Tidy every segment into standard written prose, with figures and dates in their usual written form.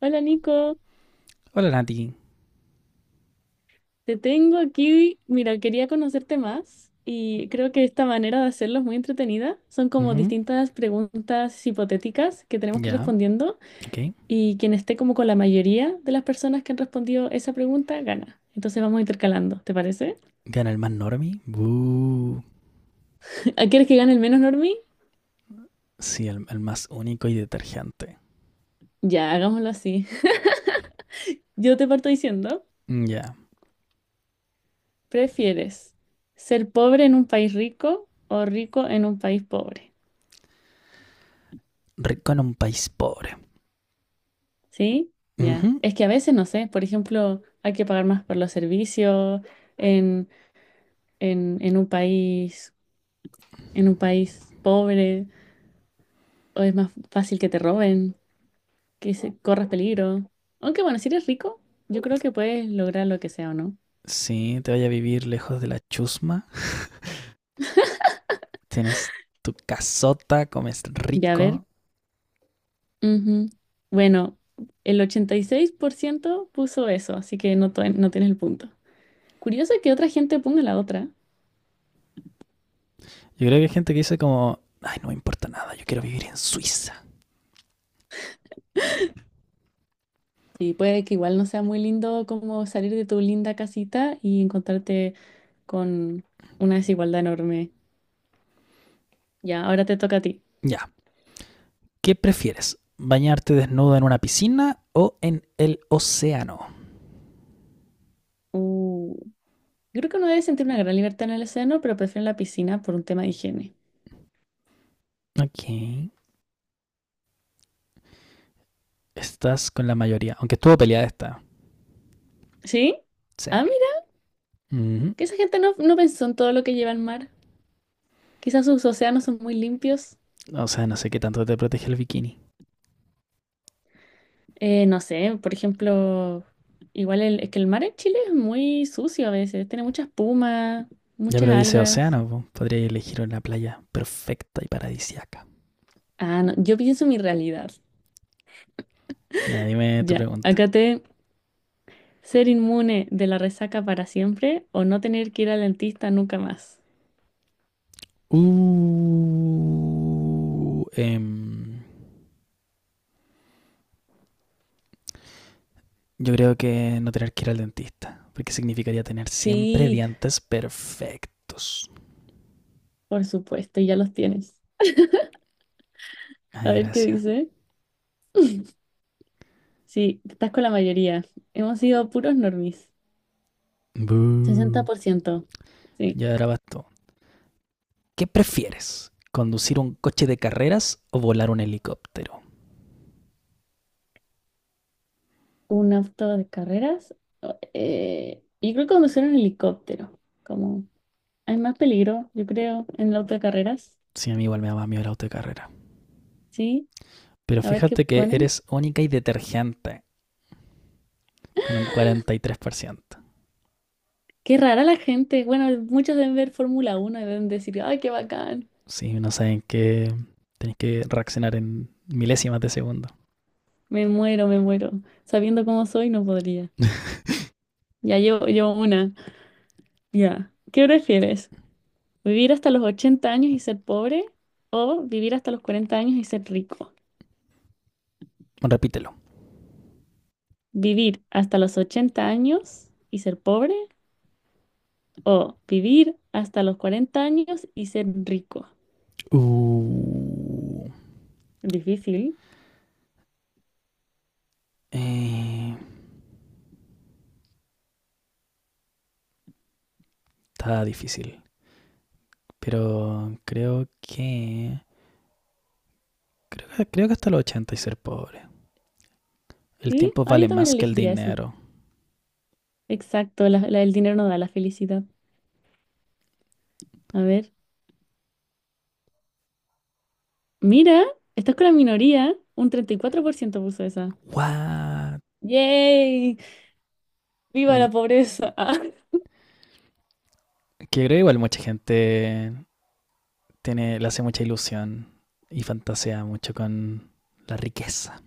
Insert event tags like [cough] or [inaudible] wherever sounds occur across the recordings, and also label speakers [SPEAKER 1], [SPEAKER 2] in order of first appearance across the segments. [SPEAKER 1] Hola Nico,
[SPEAKER 2] Hola, Nati.
[SPEAKER 1] te tengo aquí. Mira, quería conocerte más y creo que esta manera de hacerlo es muy entretenida. Son como
[SPEAKER 2] Ujú.
[SPEAKER 1] distintas preguntas hipotéticas que tenemos que ir
[SPEAKER 2] Ya,
[SPEAKER 1] respondiendo
[SPEAKER 2] ok.
[SPEAKER 1] y quien esté como con la mayoría de las personas que han respondido esa pregunta gana. Entonces vamos intercalando, ¿te parece?
[SPEAKER 2] Gana el más normie. Buh.
[SPEAKER 1] [laughs] Ah, ¿quieres que gane el menos normie?
[SPEAKER 2] Sí, el más único y detergente.
[SPEAKER 1] Ya, hagámoslo así. [laughs] Yo te parto diciendo,
[SPEAKER 2] Mm. Ya.
[SPEAKER 1] ¿prefieres ser pobre en un país rico o rico en un país pobre?
[SPEAKER 2] Rico en un país pobre.
[SPEAKER 1] ¿Sí?
[SPEAKER 2] Ujú.
[SPEAKER 1] Ya. Es que a veces, no sé, por ejemplo, hay que pagar más por los servicios en, en un país, pobre, o es más fácil que te roben, corras peligro. Aunque bueno, si eres rico, yo creo que puedes lograr lo que sea o no.
[SPEAKER 2] Sí, te vaya a vivir lejos de la chusma. Tienes tu casota, comes
[SPEAKER 1] Ya, a ver.
[SPEAKER 2] rico.
[SPEAKER 1] Ujú. Bueno, el 86% puso eso, así que no, no tienes el punto. Curioso que otra gente ponga la otra.
[SPEAKER 2] Yo creo que hay gente que dice como, ay, no me importa nada, yo quiero vivir en Suiza.
[SPEAKER 1] Sí, puede que igual no sea muy lindo como salir de tu linda casita y encontrarte con una desigualdad enorme. Ya, ahora te toca a ti.
[SPEAKER 2] Ya. ¿Qué prefieres? ¿Bañarte desnudo en una piscina o en el océano?
[SPEAKER 1] Uh, yo creo que uno debe sentir una gran libertad en el océano, pero prefiero la piscina por un tema de higiene.
[SPEAKER 2] Ok. Estás con la mayoría, aunque estuvo peleada esta.
[SPEAKER 1] ¿Sí?
[SPEAKER 2] Sí.
[SPEAKER 1] Ah, mira,
[SPEAKER 2] Ujú.
[SPEAKER 1] que esa gente no pensó en todo lo que lleva el mar. Quizás sus océanos son muy limpios.
[SPEAKER 2] O sea, no sé qué tanto te protege el bikini.
[SPEAKER 1] No sé, por ejemplo, es que el mar en Chile es muy sucio a veces, tiene mucha espuma,
[SPEAKER 2] Ya,
[SPEAKER 1] muchas
[SPEAKER 2] pero dice
[SPEAKER 1] algas.
[SPEAKER 2] océano, po. Podría elegir una playa perfecta y paradisiaca.
[SPEAKER 1] Ah, no, yo pienso en mi realidad.
[SPEAKER 2] Ya, dime tu
[SPEAKER 1] Ya,
[SPEAKER 2] pregunta.
[SPEAKER 1] acá te, ser inmune de la resaca para siempre o no tener que ir al dentista nunca más.
[SPEAKER 2] Uh, em, yo creo que no tener que ir al dentista, porque significaría tener siempre
[SPEAKER 1] Sí,
[SPEAKER 2] dientes perfectos.
[SPEAKER 1] por supuesto, ya los tienes. A
[SPEAKER 2] Ay,
[SPEAKER 1] ver qué
[SPEAKER 2] gracias.
[SPEAKER 1] dice. Sí, estás con la mayoría. Hemos sido puros normies. sesenta
[SPEAKER 2] Bú.
[SPEAKER 1] por ciento. Sí.
[SPEAKER 2] Ya ahora bastó. ¿Qué prefieres? ¿Conducir un coche de carreras o volar un helicóptero?
[SPEAKER 1] Un auto de carreras. Yo creo que conducir un helicóptero. Como hay más peligro, yo creo, en el auto de carreras.
[SPEAKER 2] Sí, a mí igual me daba miedo el auto de carrera.
[SPEAKER 1] Sí,
[SPEAKER 2] Pero
[SPEAKER 1] a ver qué
[SPEAKER 2] fíjate que
[SPEAKER 1] ponen.
[SPEAKER 2] eres única y detergente, con un 43%.
[SPEAKER 1] Qué rara la gente. Bueno, muchos deben ver Fórmula 1 y deben decir, ay, qué bacán.
[SPEAKER 2] Si no saben que tenéis que reaccionar en milésimas de segundo.
[SPEAKER 1] Me muero, me muero. Sabiendo cómo soy, no podría. Ya llevo una. Ya. ¿Qué prefieres? ¿Vivir hasta los 80 años y ser pobre? ¿O vivir hasta los 40 años y ser rico?
[SPEAKER 2] Bueno, repítelo.
[SPEAKER 1] ¿Vivir hasta los 80 años y ser pobre? ¿O vivir hasta los 40 años y ser rico?
[SPEAKER 2] Uh,
[SPEAKER 1] Difícil.
[SPEAKER 2] eh, está difícil. Pero creo que, Creo que hasta los 80 y ser pobre. El
[SPEAKER 1] ¿Sí?
[SPEAKER 2] tiempo
[SPEAKER 1] Ah, yo
[SPEAKER 2] vale
[SPEAKER 1] también
[SPEAKER 2] más que el
[SPEAKER 1] elegiría eso.
[SPEAKER 2] dinero.
[SPEAKER 1] Exacto, el dinero no da la felicidad. A ver. Mira, estás con la minoría. Un 34% puso esa.
[SPEAKER 2] What?
[SPEAKER 1] ¡Yay! ¡Viva
[SPEAKER 2] Bueno,
[SPEAKER 1] la pobreza! [laughs] Ah.
[SPEAKER 2] que creo igual mucha gente tiene, le hace mucha ilusión y fantasea mucho con la riqueza.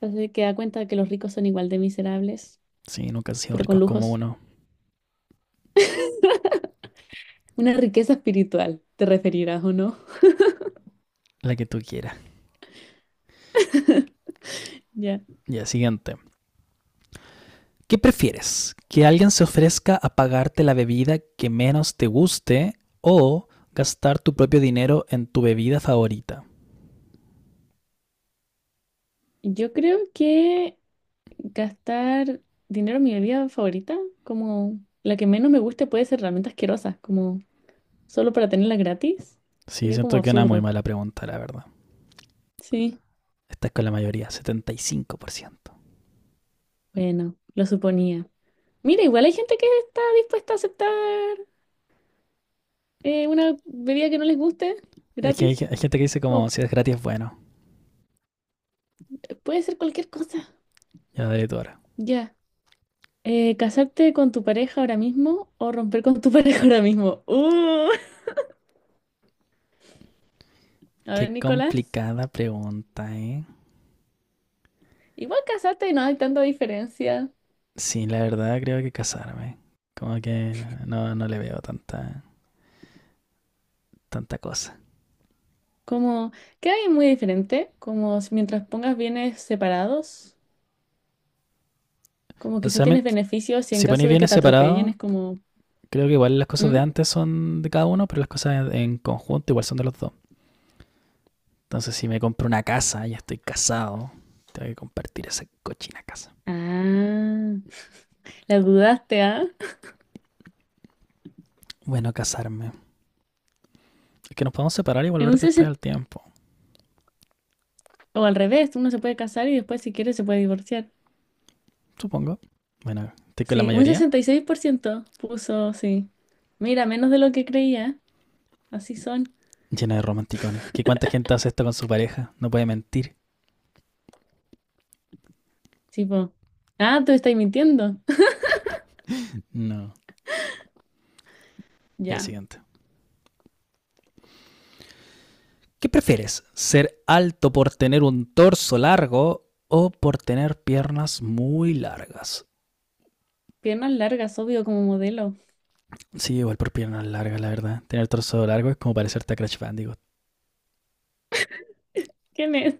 [SPEAKER 1] Entonces que da cuenta que los ricos son igual de miserables,
[SPEAKER 2] Sí, nunca han sido
[SPEAKER 1] pero con
[SPEAKER 2] ricos como
[SPEAKER 1] lujos.
[SPEAKER 2] uno,
[SPEAKER 1] Una riqueza espiritual, te referirás o no.
[SPEAKER 2] la que tú quieras.
[SPEAKER 1] Ya.
[SPEAKER 2] Ya, siguiente. ¿Qué prefieres? ¿Que alguien se ofrezca a pagarte la bebida que menos te guste o gastar tu propio dinero en tu bebida favorita?
[SPEAKER 1] Yo creo que gastar dinero en mi bebida favorita, como la que menos me guste, puede ser realmente asquerosa, como solo para tenerla gratis.
[SPEAKER 2] Sí,
[SPEAKER 1] Sería como
[SPEAKER 2] siento que es una muy
[SPEAKER 1] absurdo.
[SPEAKER 2] mala pregunta, la verdad.
[SPEAKER 1] Sí,
[SPEAKER 2] Esta es con la mayoría, 75%.
[SPEAKER 1] bueno, lo suponía. Mira, igual hay gente que está dispuesta a aceptar una bebida que no les guste
[SPEAKER 2] Es que hay,
[SPEAKER 1] gratis.
[SPEAKER 2] hay gente que dice como,
[SPEAKER 1] Como
[SPEAKER 2] si es gratis, bueno.
[SPEAKER 1] puede ser cualquier cosa.
[SPEAKER 2] Ya de tu hora.
[SPEAKER 1] Ya. ¿Casarte con tu pareja ahora mismo o romper con tu [laughs] pareja ahora mismo? A
[SPEAKER 2] Qué
[SPEAKER 1] ver, Nicolás.
[SPEAKER 2] complicada pregunta, ¿eh?
[SPEAKER 1] Igual casarte no hay tanta diferencia.
[SPEAKER 2] Sí, la verdad creo que casarme. Como que no le veo tanta cosa.
[SPEAKER 1] Como que hay muy diferente. Como si mientras pongas bienes separados, como
[SPEAKER 2] O
[SPEAKER 1] quizá
[SPEAKER 2] sea,
[SPEAKER 1] tienes beneficios y en
[SPEAKER 2] si ponéis
[SPEAKER 1] caso de que
[SPEAKER 2] bienes
[SPEAKER 1] te atropellen
[SPEAKER 2] separados,
[SPEAKER 1] es como…
[SPEAKER 2] creo que igual las cosas de
[SPEAKER 1] ¿Mm?
[SPEAKER 2] antes son de cada uno, pero las cosas en conjunto igual son de los dos. Entonces, si me compro una casa, ya estoy casado, tengo que compartir esa cochina casa.
[SPEAKER 1] Ah, la dudaste, ¿ah?
[SPEAKER 2] Bueno, casarme. Es que nos podemos separar y
[SPEAKER 1] En
[SPEAKER 2] volver
[SPEAKER 1] un
[SPEAKER 2] después
[SPEAKER 1] sesen-
[SPEAKER 2] al tiempo,
[SPEAKER 1] O al revés, uno se puede casar y después si quiere se puede divorciar.
[SPEAKER 2] supongo. Bueno, estoy con la
[SPEAKER 1] Sí, un
[SPEAKER 2] mayoría
[SPEAKER 1] 66% puso, sí. Mira, menos de lo que creía. Así son.
[SPEAKER 2] llena de romanticones. ¿Qué cuánta gente hace esto con su pareja? No puede mentir.
[SPEAKER 1] Tipo, ah, tú estás mintiendo. [laughs]
[SPEAKER 2] No. Ya
[SPEAKER 1] Ya.
[SPEAKER 2] siguiente. ¿Qué prefieres? ¿Ser alto por tener un torso largo o por tener piernas muy largas?
[SPEAKER 1] Piernas largas, obvio, como modelo.
[SPEAKER 2] Sí, igual por piernas largas, la verdad. Tener torso largo es como parecerte a Crash Bandicoot.
[SPEAKER 1] ¿Quién es?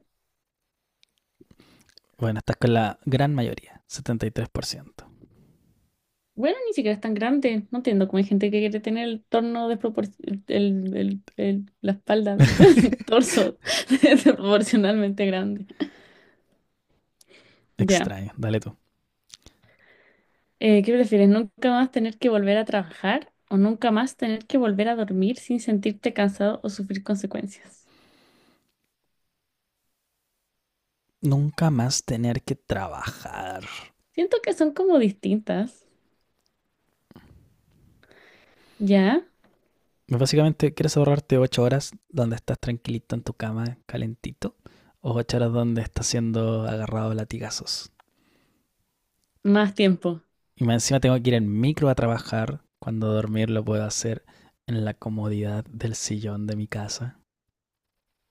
[SPEAKER 2] Bueno, estás con la gran mayoría, 73%.
[SPEAKER 1] Bueno, ni siquiera es tan grande. No entiendo cómo hay gente que quiere tener el torno desproporcional, la espalda, [laughs] el
[SPEAKER 2] [laughs]
[SPEAKER 1] torso [laughs] desproporcionalmente grande. Ya.
[SPEAKER 2] Extraño, dale tú.
[SPEAKER 1] ¿Qué prefieres? ¿Nunca más tener que volver a trabajar o nunca más tener que volver a dormir sin sentirte cansado o sufrir consecuencias?
[SPEAKER 2] Nunca más tener que trabajar.
[SPEAKER 1] Siento que son como distintas. Ya.
[SPEAKER 2] Básicamente, ¿quieres ahorrarte 8 horas donde estás tranquilito en tu cama, calentito? ¿O 8 horas donde estás siendo agarrado a latigazos?
[SPEAKER 1] Más tiempo.
[SPEAKER 2] Y más encima tengo que ir en micro a trabajar, cuando dormir lo puedo hacer en la comodidad del sillón de mi casa.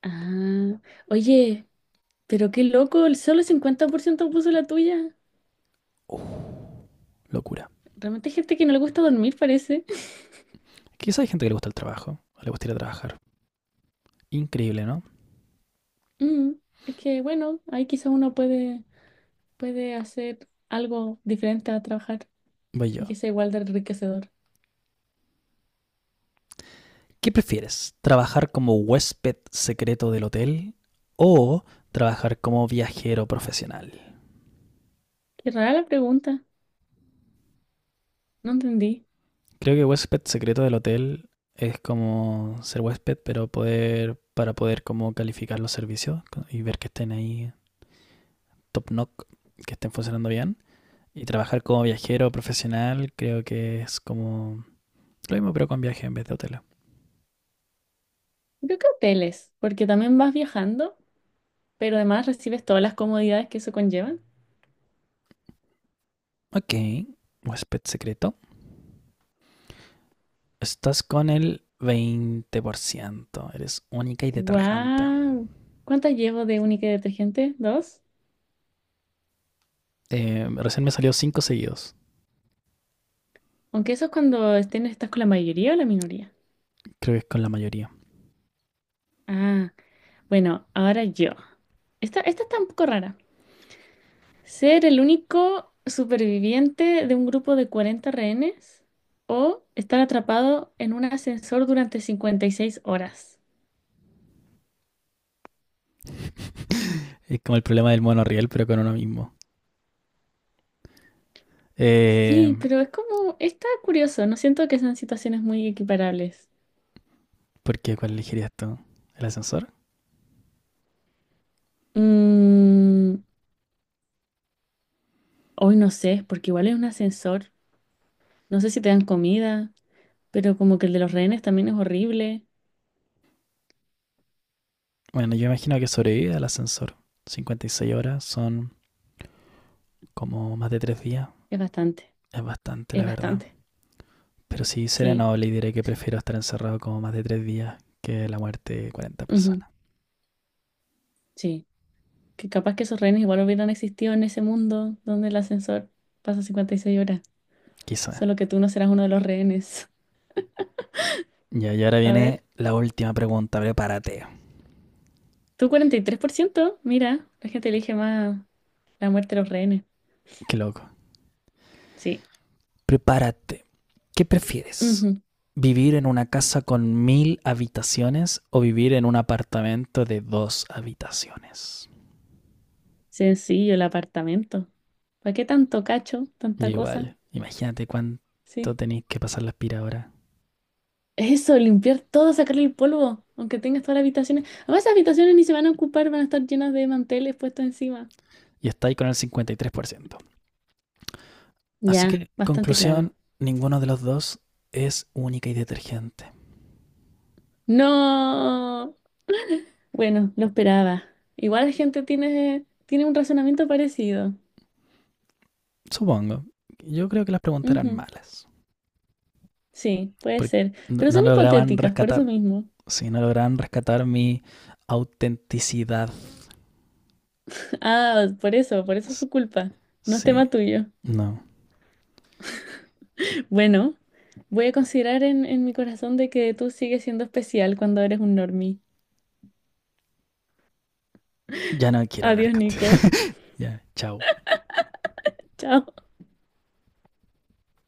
[SPEAKER 1] Ah. Oye. Pero qué loco, el solo el 50% puso la tuya.
[SPEAKER 2] Uh, locura.
[SPEAKER 1] Realmente hay gente que no le gusta dormir, parece.
[SPEAKER 2] Quizá hay gente que le gusta el trabajo, o le gusta ir a trabajar. Increíble, ¿no?
[SPEAKER 1] Mm, es que, bueno, ahí quizás uno puede, hacer algo diferente a trabajar
[SPEAKER 2] Voy
[SPEAKER 1] y
[SPEAKER 2] yo.
[SPEAKER 1] que sea igual de enriquecedor.
[SPEAKER 2] ¿Qué prefieres? ¿Trabajar como huésped secreto del hotel o trabajar como viajero profesional?
[SPEAKER 1] Qué rara la pregunta, no entendí.
[SPEAKER 2] Creo que huésped secreto del hotel es como ser huésped, pero poder para poder como calificar los servicios y ver que estén ahí top knock, que estén funcionando bien. Y trabajar como viajero profesional creo que es como lo mismo pero con viaje en vez de hotel.
[SPEAKER 1] Yo creo que hoteles, porque también vas viajando, pero además recibes todas las comodidades que eso conlleva.
[SPEAKER 2] Ok, huésped secreto. Estás con el 20%. Eres única y detergente.
[SPEAKER 1] ¡Wow! ¿Cuántas llevo de única y detergente? ¿Dos?
[SPEAKER 2] Recién me salió cinco seguidos.
[SPEAKER 1] Aunque eso es cuando estás con la mayoría o la minoría.
[SPEAKER 2] Creo que es con la mayoría.
[SPEAKER 1] Ah. Bueno, ahora yo. Esta está un poco rara. Ser el único superviviente de un grupo de 40 rehenes o estar atrapado en un ascensor durante 56 horas.
[SPEAKER 2] Es como el problema del monorriel, pero con uno mismo. Eh,
[SPEAKER 1] Sí, pero es como, está curioso, no siento que sean situaciones muy equiparables.
[SPEAKER 2] ¿Por qué? ¿Cuál elegirías tú? ¿El ascensor?
[SPEAKER 1] Mm, Hoy no sé, porque igual es un ascensor, no sé si te dan comida, pero como que el de los rehenes también es horrible,
[SPEAKER 2] Bueno, yo imagino que sobrevive al ascensor. 56 horas son como más de 3 días.
[SPEAKER 1] es bastante,
[SPEAKER 2] Es bastante,
[SPEAKER 1] es
[SPEAKER 2] la verdad.
[SPEAKER 1] bastante,
[SPEAKER 2] Pero sí, seré
[SPEAKER 1] sí,
[SPEAKER 2] noble y diré que prefiero estar encerrado como más de 3 días que la muerte de 40
[SPEAKER 1] ujú,
[SPEAKER 2] personas.
[SPEAKER 1] sí. Que capaz que esos rehenes igual hubieran existido en ese mundo donde el ascensor pasa 56 horas.
[SPEAKER 2] Quizá.
[SPEAKER 1] Solo que tú no serás uno de los rehenes.
[SPEAKER 2] Ya, y ahora
[SPEAKER 1] [laughs] A ver.
[SPEAKER 2] viene la última pregunta. Prepárate.
[SPEAKER 1] Tú, 43%. Mira, la gente elige más la muerte de los rehenes.
[SPEAKER 2] Qué loco.
[SPEAKER 1] Sí.
[SPEAKER 2] Prepárate. ¿Qué prefieres?
[SPEAKER 1] Ujú.
[SPEAKER 2] ¿Vivir en una casa con 1000 habitaciones o vivir en un apartamento de 2 habitaciones?
[SPEAKER 1] Sencillo, el apartamento. ¿Para qué tanto cacho,
[SPEAKER 2] Y
[SPEAKER 1] tanta cosa?
[SPEAKER 2] igual, imagínate cuánto
[SPEAKER 1] Sí.
[SPEAKER 2] tenéis que pasar la aspiradora.
[SPEAKER 1] Eso, limpiar todo, sacarle el polvo, aunque tengas todas las habitaciones. Además, esas habitaciones ni se van a ocupar, van a estar llenas de manteles puestos encima.
[SPEAKER 2] Y estáis con el 53%. Así
[SPEAKER 1] Ya,
[SPEAKER 2] que,
[SPEAKER 1] bastante claro.
[SPEAKER 2] conclusión, ninguno de los dos es única y detergente.
[SPEAKER 1] No. Bueno, lo esperaba. Igual la gente tiene un razonamiento parecido.
[SPEAKER 2] Supongo. Yo creo que las preguntas eran
[SPEAKER 1] Ujú,
[SPEAKER 2] malas.
[SPEAKER 1] sí, puede
[SPEAKER 2] Porque
[SPEAKER 1] ser.
[SPEAKER 2] no
[SPEAKER 1] Pero
[SPEAKER 2] no
[SPEAKER 1] son
[SPEAKER 2] lograban
[SPEAKER 1] hipotéticas, por eso
[SPEAKER 2] rescatar.
[SPEAKER 1] mismo.
[SPEAKER 2] Sí, no lograban rescatar mi autenticidad.
[SPEAKER 1] [laughs] Ah, por eso es su culpa. No es
[SPEAKER 2] Sí,
[SPEAKER 1] tema tuyo.
[SPEAKER 2] no.
[SPEAKER 1] Bueno, voy a considerar en mi corazón de que tú sigues siendo especial cuando eres un normie.
[SPEAKER 2] Ya no quiero hablar
[SPEAKER 1] Adiós,
[SPEAKER 2] contigo.
[SPEAKER 1] Nico.
[SPEAKER 2] Ya, chao.
[SPEAKER 1] [laughs] Chao.